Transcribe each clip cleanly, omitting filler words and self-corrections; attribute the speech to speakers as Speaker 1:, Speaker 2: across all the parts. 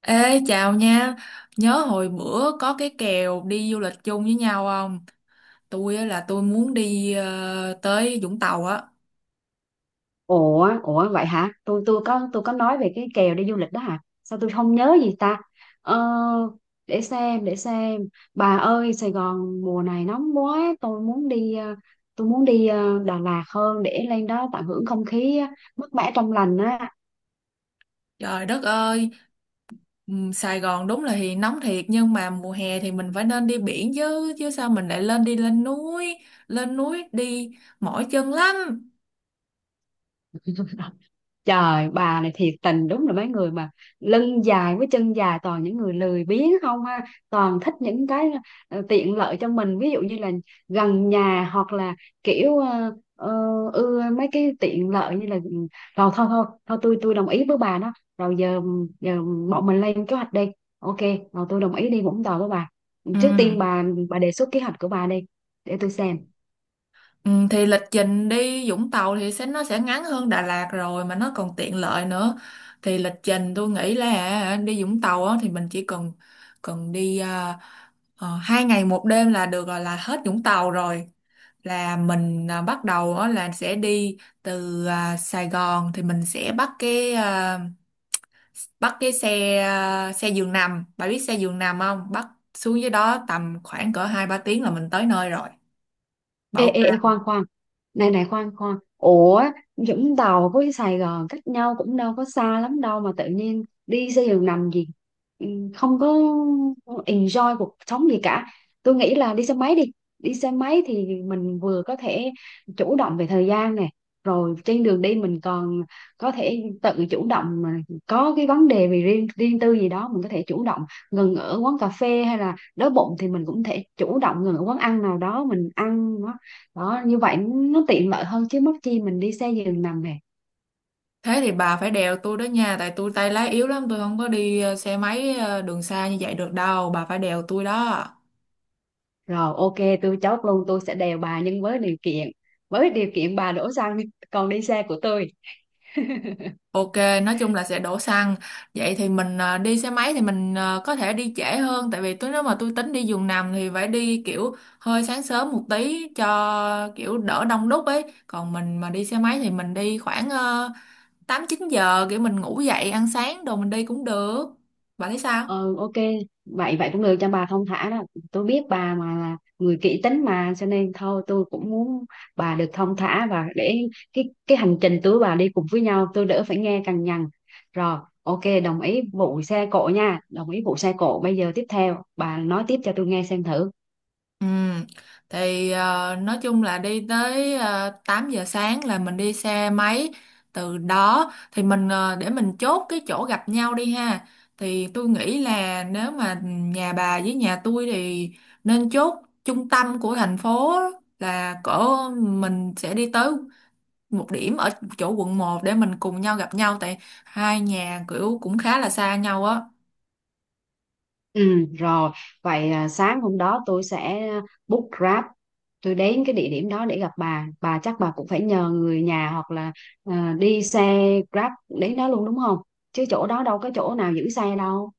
Speaker 1: Ê chào nha. Nhớ hồi bữa có cái kèo đi du lịch chung với nhau không? Tôi á là tôi muốn đi tới Vũng Tàu á.
Speaker 2: Ủa, vậy hả? Tôi có nói về cái kèo đi du lịch đó hả? Sao tôi không nhớ gì ta? Ờ, để xem, để xem. Bà ơi, Sài Gòn mùa này nóng quá, tôi muốn đi Đà Lạt hơn để lên đó tận hưởng không khí mát mẻ trong lành á.
Speaker 1: Trời đất ơi. Sài Gòn đúng là thì nóng thiệt. Nhưng mà mùa hè thì mình phải nên đi biển chứ. Chứ sao mình lại lên đi lên núi? Lên núi đi mỏi chân lắm.
Speaker 2: Trời bà này thiệt tình đúng là mấy người mà lưng dài với chân dài toàn những người lười biếng không ha, toàn thích những cái tiện lợi cho mình, ví dụ như là gần nhà, hoặc là kiểu ưa mấy cái tiện lợi như là rồi thôi thôi thôi tôi đồng ý với bà đó. Rồi giờ, giờ bọn mình lên kế hoạch đi. Ok, rồi tôi đồng ý đi Vũng Tàu với bà.
Speaker 1: Ừ.
Speaker 2: Trước tiên bà đề xuất kế hoạch của bà đi để tôi xem.
Speaker 1: Ừ, thì lịch trình đi Vũng Tàu thì nó sẽ ngắn hơn Đà Lạt rồi. Mà nó còn tiện lợi nữa. Thì lịch trình tôi nghĩ là hả, đi Vũng Tàu á, thì mình chỉ cần cần đi 2 ngày 1 đêm là được rồi, là hết Vũng Tàu rồi. Là mình bắt đầu á là sẽ đi từ Sài Gòn, thì mình sẽ bắt cái xe, xe giường nằm. Bà biết xe giường nằm không? Bắt xuống dưới đó tầm khoảng cỡ 2 3 tiếng là mình tới nơi rồi. Bà
Speaker 2: Ê,
Speaker 1: ok?
Speaker 2: ê, ê, khoan khoan, này này khoan khoan, ủa Vũng Tàu với Sài Gòn cách nhau cũng đâu có xa lắm đâu mà tự nhiên đi xe giường nằm gì. Ừ, không có enjoy cuộc sống gì cả, tôi nghĩ là đi xe máy đi. Đi xe máy thì mình vừa có thể chủ động về thời gian nè, rồi trên đường đi mình còn có thể tự chủ động mà, có cái vấn đề về riêng riêng tư gì đó mình có thể chủ động ngừng ở quán cà phê, hay là đói bụng thì mình cũng thể chủ động ngừng ở quán ăn nào đó mình ăn đó. Như vậy nó tiện lợi hơn chứ mất chi mình đi xe giường nằm nè.
Speaker 1: Thế thì bà phải đèo tôi đó nha, tại tôi tay lái yếu lắm, tôi không có đi xe máy, đường xa như vậy được đâu. Bà phải đèo tôi đó.
Speaker 2: Rồi ok, tôi chốt luôn, tôi sẽ đèo bà, nhưng với điều kiện, với điều kiện bà đổ xăng, còn đi xe của tôi.
Speaker 1: Ok, nói chung là sẽ đổ xăng. Vậy thì mình đi xe máy thì mình có thể đi trễ hơn, tại vì nếu mà tôi tính đi giường nằm thì phải đi kiểu hơi sáng sớm một tí cho kiểu đỡ đông đúc ấy. Còn mình mà đi xe máy thì mình đi khoảng 8 9 giờ, kiểu mình ngủ dậy ăn sáng đồ mình đi cũng được. Bạn thấy sao?
Speaker 2: Ừ ok, vậy vậy cũng được, cho bà thông thả đó. Tôi biết bà mà là người kỹ tính mà, cho nên thôi tôi cũng muốn bà được thông thả, và để cái hành trình tôi bà đi cùng với nhau tôi đỡ phải nghe cằn nhằn. Rồi ok, đồng ý vụ xe cộ nha, đồng ý vụ xe cộ. Bây giờ tiếp theo bà nói tiếp cho tôi nghe xem thử.
Speaker 1: Ừ, thì nói chung là đi tới 8 giờ sáng là mình đi xe máy. Từ đó thì mình để mình chốt cái chỗ gặp nhau đi ha. Thì tôi nghĩ là nếu mà nhà bà với nhà tôi thì nên chốt trung tâm của thành phố, là cỡ mình sẽ đi tới một điểm ở chỗ quận 1 để mình cùng nhau gặp nhau, tại hai nhà kiểu cũng khá là xa nhau á.
Speaker 2: Ừ, rồi vậy sáng hôm đó tôi sẽ book Grab, tôi đến cái địa điểm đó để gặp bà. Bà chắc bà cũng phải nhờ người nhà, hoặc là đi xe Grab đến đó luôn đúng không, chứ chỗ đó đâu có chỗ nào giữ xe đâu.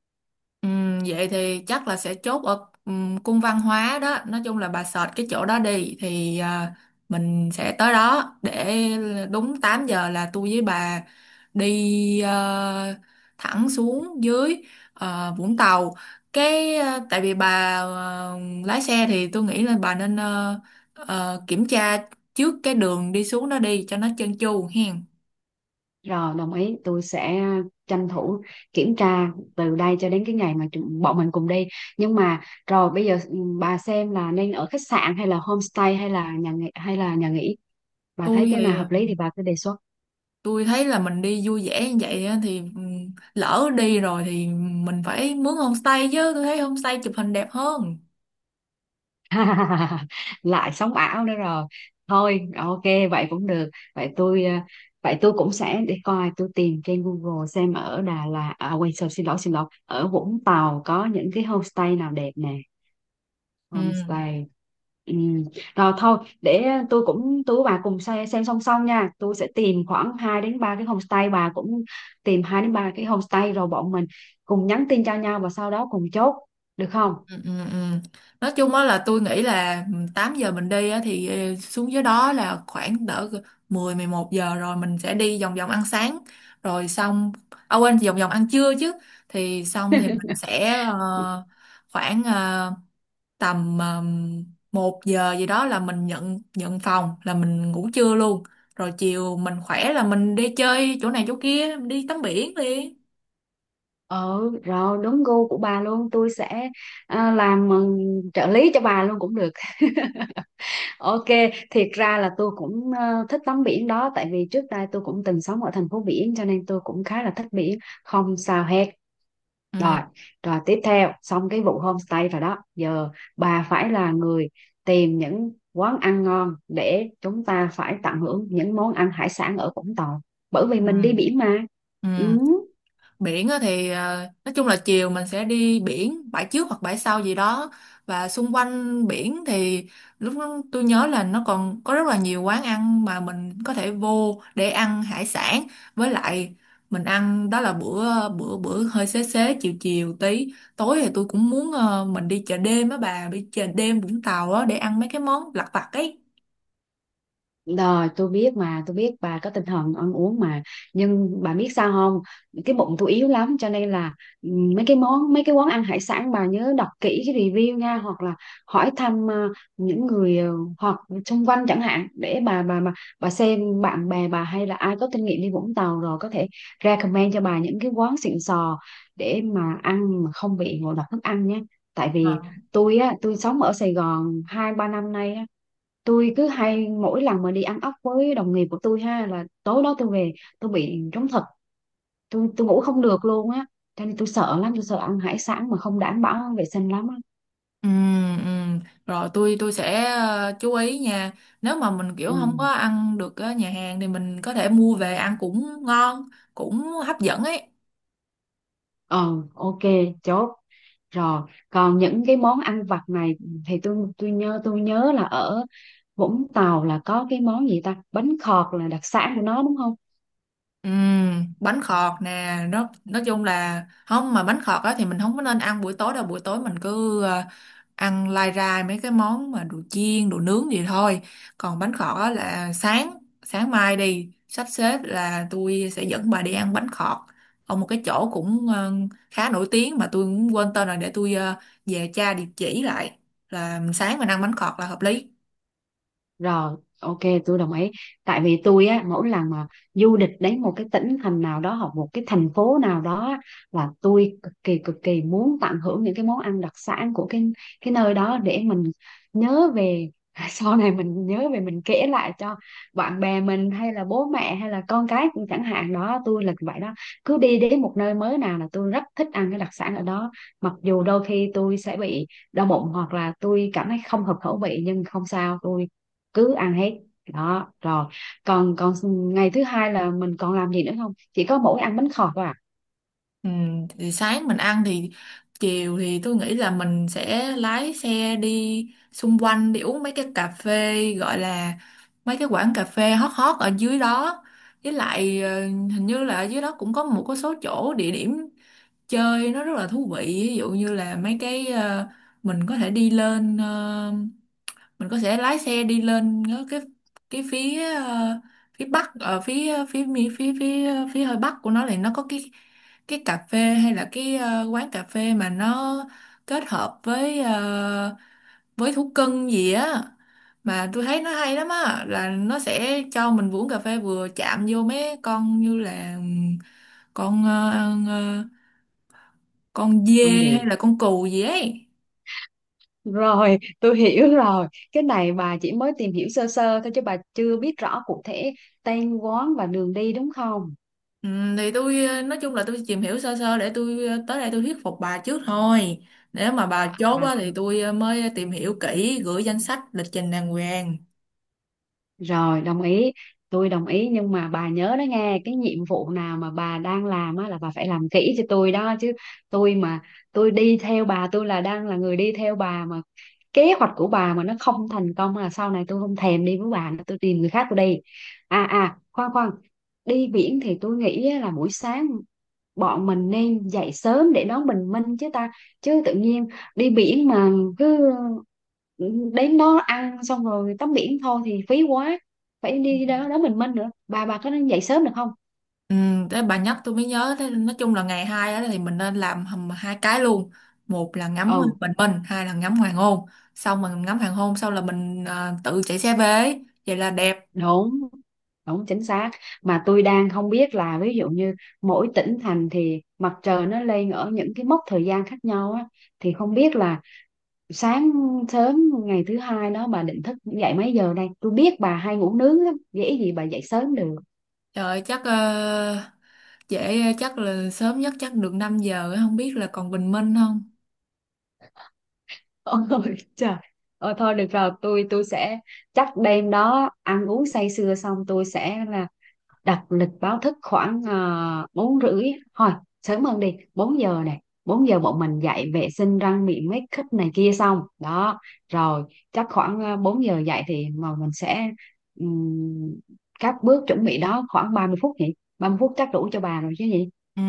Speaker 1: Vậy thì chắc là sẽ chốt ở cung văn hóa đó. Nói chung là bà search cái chỗ đó đi, thì mình sẽ tới đó để đúng 8 giờ là tôi với bà đi thẳng xuống dưới Vũng Tàu. Cái tại vì bà lái xe thì tôi nghĩ là bà nên kiểm tra trước cái đường đi xuống đó đi cho nó trơn tru hen.
Speaker 2: Rồi đồng ý, tôi sẽ tranh thủ kiểm tra từ đây cho đến cái ngày mà bọn mình cùng đi. Nhưng mà rồi bây giờ bà xem là nên ở khách sạn hay là homestay, hay là nhà nghỉ, bà thấy
Speaker 1: Tôi
Speaker 2: cái nào
Speaker 1: thì
Speaker 2: hợp lý thì bà cứ đề xuất.
Speaker 1: tôi thấy là mình đi vui vẻ như vậy á, thì lỡ đi rồi thì mình phải mướn homestay chứ. Tôi thấy homestay chụp hình đẹp hơn.
Speaker 2: Lại sống ảo nữa rồi. Thôi ok, vậy cũng được. Vậy tôi cũng sẽ để coi, tôi tìm trên Google xem ở Đà Lạt à, quên, sorry, xin lỗi, xin lỗi, ở Vũng Tàu có những cái homestay nào đẹp nè,
Speaker 1: Ừ.
Speaker 2: homestay. Ừ. Rồi thôi để tôi cũng, tôi với bà cùng xem song song nha. Tôi sẽ tìm khoảng 2 đến 3 cái homestay, bà cũng tìm 2 đến 3 cái homestay, rồi bọn mình cùng nhắn tin cho nhau và sau đó cùng chốt, được không?
Speaker 1: Ừ. Ừ. Ừ. Nói chung á là tôi nghĩ là 8 giờ mình đi á, thì xuống dưới đó là khoảng đỡ 10 11 giờ rồi mình sẽ đi vòng vòng ăn sáng. Rồi xong, à quên, vòng vòng ăn trưa chứ. Thì xong thì mình sẽ khoảng tầm 1 giờ gì đó là mình nhận nhận phòng, là mình ngủ trưa luôn. Rồi chiều mình khỏe là mình đi chơi chỗ này chỗ kia, đi tắm biển đi.
Speaker 2: Ừ, rồi đúng gu của bà luôn. Tôi sẽ làm trợ lý cho bà luôn cũng được. Ok, thiệt ra là tôi cũng thích tắm biển đó, tại vì trước đây tôi cũng từng sống ở thành phố biển, cho nên tôi cũng khá là thích biển, không sao hết.
Speaker 1: Ừ.
Speaker 2: Rồi, rồi tiếp theo xong cái vụ homestay rồi đó, giờ bà phải là người tìm những quán ăn ngon để chúng ta phải tận hưởng những món ăn hải sản ở Vũng Tàu, bởi vì mình đi
Speaker 1: Ừ.
Speaker 2: biển mà.
Speaker 1: Ừ.
Speaker 2: Ừ.
Speaker 1: Biển á thì nói chung là chiều mình sẽ đi biển bãi trước hoặc bãi sau gì đó. Và xung quanh biển thì lúc đó tôi nhớ là nó còn có rất là nhiều quán ăn mà mình có thể vô để ăn hải sản. Với lại mình ăn đó là bữa bữa bữa hơi xế xế chiều chiều tí. Tối thì tôi cũng muốn mình đi chợ đêm á, bà đi chợ đêm Vũng Tàu á để ăn mấy cái món lặt vặt ấy.
Speaker 2: Rồi tôi biết mà, tôi biết bà có tinh thần ăn uống mà. Nhưng bà biết sao không, cái bụng tôi yếu lắm, cho nên là ừ, mấy cái món, mấy cái quán ăn hải sản bà nhớ đọc kỹ cái review nha, hoặc là hỏi thăm những người hoặc xung quanh chẳng hạn, để bà bà xem bạn bè bà hay là ai có kinh nghiệm đi Vũng Tàu rồi có thể recommend cho bà những cái quán xịn sò, để mà ăn mà không bị ngộ độc thức ăn nhé. Tại vì tôi á, tôi sống ở Sài Gòn hai ba năm nay á, tôi cứ hay mỗi lần mà đi ăn ốc với đồng nghiệp của tôi ha, là tối đó tôi về tôi bị trống thật, tôi ngủ không được luôn á, cho nên tôi sợ lắm, tôi sợ ăn hải sản mà không đảm bảo vệ sinh lắm á.
Speaker 1: Ừ, ừ. Rồi tôi sẽ chú ý nha. Nếu mà mình kiểu
Speaker 2: Ừ.
Speaker 1: không có ăn được ở nhà hàng thì mình có thể mua về ăn cũng ngon, cũng hấp dẫn ấy.
Speaker 2: Ờ ok, chốt. Rồi còn những cái món ăn vặt này thì tôi nhớ, tôi nhớ là ở Vũng Tàu là có cái món gì ta, bánh khọt là đặc sản của nó đúng không?
Speaker 1: Ừ, bánh khọt nè, nó nói chung là không, mà bánh khọt á thì mình không có nên ăn buổi tối đâu, buổi tối mình cứ ăn lai rai mấy cái món mà đồ chiên đồ nướng gì thôi. Còn bánh khọt á là sáng sáng mai đi sắp xếp là tôi sẽ dẫn bà đi ăn bánh khọt ở một cái chỗ cũng khá nổi tiếng, mà tôi cũng quên tên rồi, để tôi về tra địa chỉ lại. Là sáng mình ăn bánh khọt là hợp lý.
Speaker 2: Rồi, ok, tôi đồng ý. Tại vì tôi á, mỗi lần mà du lịch đến một cái tỉnh thành nào đó, hoặc một cái thành phố nào đó á, là tôi cực kỳ muốn tận hưởng những cái món ăn đặc sản của cái nơi đó, để mình nhớ về. Sau này mình nhớ về mình kể lại cho bạn bè mình, hay là bố mẹ, hay là con cái cũng chẳng hạn đó. Tôi là vậy đó, cứ đi đến một nơi mới nào là tôi rất thích ăn cái đặc sản ở đó. Mặc dù đôi khi tôi sẽ bị đau bụng, hoặc là tôi cảm thấy không hợp khẩu vị, nhưng không sao, tôi cứ ăn hết đó. Rồi còn còn ngày thứ hai là mình còn làm gì nữa không, chỉ có mỗi ăn bánh khọt thôi à?
Speaker 1: Ừ, thì sáng mình ăn, thì chiều thì tôi nghĩ là mình sẽ lái xe đi xung quanh, đi uống mấy cái cà phê, gọi là mấy cái quán cà phê hot hot ở dưới đó. Với lại hình như là ở dưới đó cũng có một cái số chỗ địa điểm chơi nó rất là thú vị, ví dụ như là mấy cái mình có thể đi lên ờ, mình có thể lái xe đi lên cái phía phía bắc, ở phía ờ, phía mi- phía phía ờ, phía hơi bắc của nó, thì nó có cái cà phê, hay là cái quán cà phê mà nó kết hợp với với thú cưng gì á, mà tôi thấy nó hay lắm á, là nó sẽ cho mình uống cà phê vừa chạm vô mấy con, như là con ờ, con dê
Speaker 2: Không
Speaker 1: hay
Speaker 2: gì.
Speaker 1: là con cừu gì ấy.
Speaker 2: Rồi tôi hiểu rồi, cái này bà chỉ mới tìm hiểu sơ sơ thôi chứ bà chưa biết rõ cụ thể tên quán và đường đi đúng không?
Speaker 1: Ừ, thì tôi nói chung là tôi tìm hiểu sơ sơ để tôi tới đây tôi thuyết phục bà trước thôi. Nếu mà bà chốt
Speaker 2: À,
Speaker 1: á, thì tôi mới tìm hiểu kỹ, gửi danh sách lịch trình đàng hoàng.
Speaker 2: rồi đồng ý, tôi đồng ý, nhưng mà bà nhớ đó nghe, cái nhiệm vụ nào mà bà đang làm á là bà phải làm kỹ cho tôi đó chứ. Tôi mà tôi đi theo bà, tôi là đang là người đi theo bà mà, kế hoạch của bà mà nó không thành công là sau này tôi không thèm đi với bà nữa, tôi tìm người khác tôi đi. À à, khoan khoan, đi biển thì tôi nghĩ á là buổi sáng bọn mình nên dậy sớm để đón bình minh chứ ta, chứ tự nhiên đi biển mà cứ đến đó ăn xong rồi tắm biển thôi thì phí quá, phải đi đó đón bình minh nữa. Bà có nên dậy sớm được không?
Speaker 1: Ừ, thế bà nhắc tôi mới nhớ. Thế nói chung là ngày 2 á, thì mình nên làm hầm hai cái luôn: một là ngắm
Speaker 2: Ừ
Speaker 1: bình minh, hai là ngắm hoàng hôn. Xong mình ngắm hoàng hôn xong là mình tự chạy xe về ấy. Vậy là đẹp.
Speaker 2: đúng, đúng chính xác. Mà tôi đang không biết là ví dụ như mỗi tỉnh thành thì mặt trời nó lên ở những cái mốc thời gian khác nhau á, thì không biết là sáng sớm ngày thứ hai đó bà định thức dậy mấy giờ đây, tôi biết bà hay ngủ nướng lắm dễ gì bà dậy sớm được.
Speaker 1: Trời chắc dễ chắc là sớm nhất chắc được 5 giờ, không biết là còn bình minh không.
Speaker 2: Ôi trời. Ờ, thôi được rồi, tôi sẽ chắc đêm đó ăn uống say sưa xong tôi sẽ là đặt lịch báo thức khoảng 4 rưỡi thôi, sớm hơn đi. 4 giờ này, 4 giờ bọn mình dậy vệ sinh răng miệng, make up này kia xong đó. Rồi chắc khoảng 4 giờ dậy thì mà mình sẽ ừm, các bước chuẩn bị đó khoảng 30 phút nhỉ? 30 phút chắc đủ cho bà rồi chứ gì?
Speaker 1: Ừ.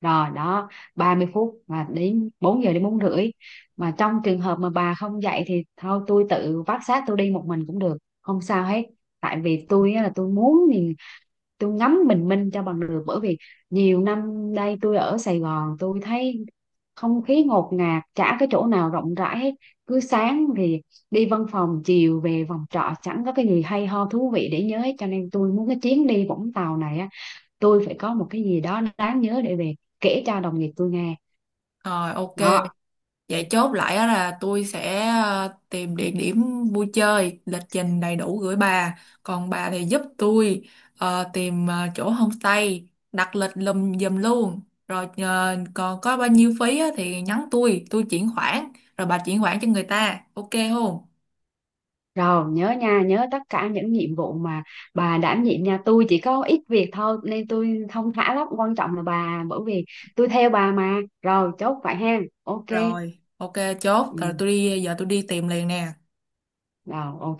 Speaker 2: Rồi đó, 30 phút mà đến 4 giờ đến bốn rưỡi, mà trong trường hợp mà bà không dậy thì thôi tôi tự vác xác tôi đi một mình cũng được, không sao hết. Tại vì tôi á là tôi muốn thì tôi ngắm bình minh cho bằng được, bởi vì nhiều năm đây tôi ở Sài Gòn tôi thấy không khí ngột ngạt, chả cái chỗ nào rộng rãi hết, cứ sáng thì đi văn phòng, chiều về phòng trọ, chẳng có cái gì hay ho thú vị để nhớ hết, cho nên tôi muốn cái chuyến đi Vũng Tàu này á, tôi phải có một cái gì đó đáng nhớ để về kể cho đồng nghiệp tôi nghe.
Speaker 1: Rồi, ok.
Speaker 2: Đó
Speaker 1: Vậy chốt lại á là tôi sẽ tìm địa điểm vui chơi, lịch trình đầy đủ gửi bà. Còn bà thì giúp tôi tìm chỗ homestay, đặt lịch lùm giùm luôn. Rồi còn có bao nhiêu phí á, thì nhắn tôi chuyển khoản. Rồi bà chuyển khoản cho người ta. Ok không?
Speaker 2: rồi, nhớ nha, nhớ tất cả những nhiệm vụ mà bà đảm nhiệm nha, tôi chỉ có ít việc thôi nên tôi thong thả lắm, quan trọng là bà, bởi vì tôi theo bà mà. Rồi chốt vậy ha, ok.
Speaker 1: Rồi, ok, chốt. Rồi
Speaker 2: Ừ,
Speaker 1: tôi đi, giờ tôi đi tìm liền nè.
Speaker 2: rồi ok.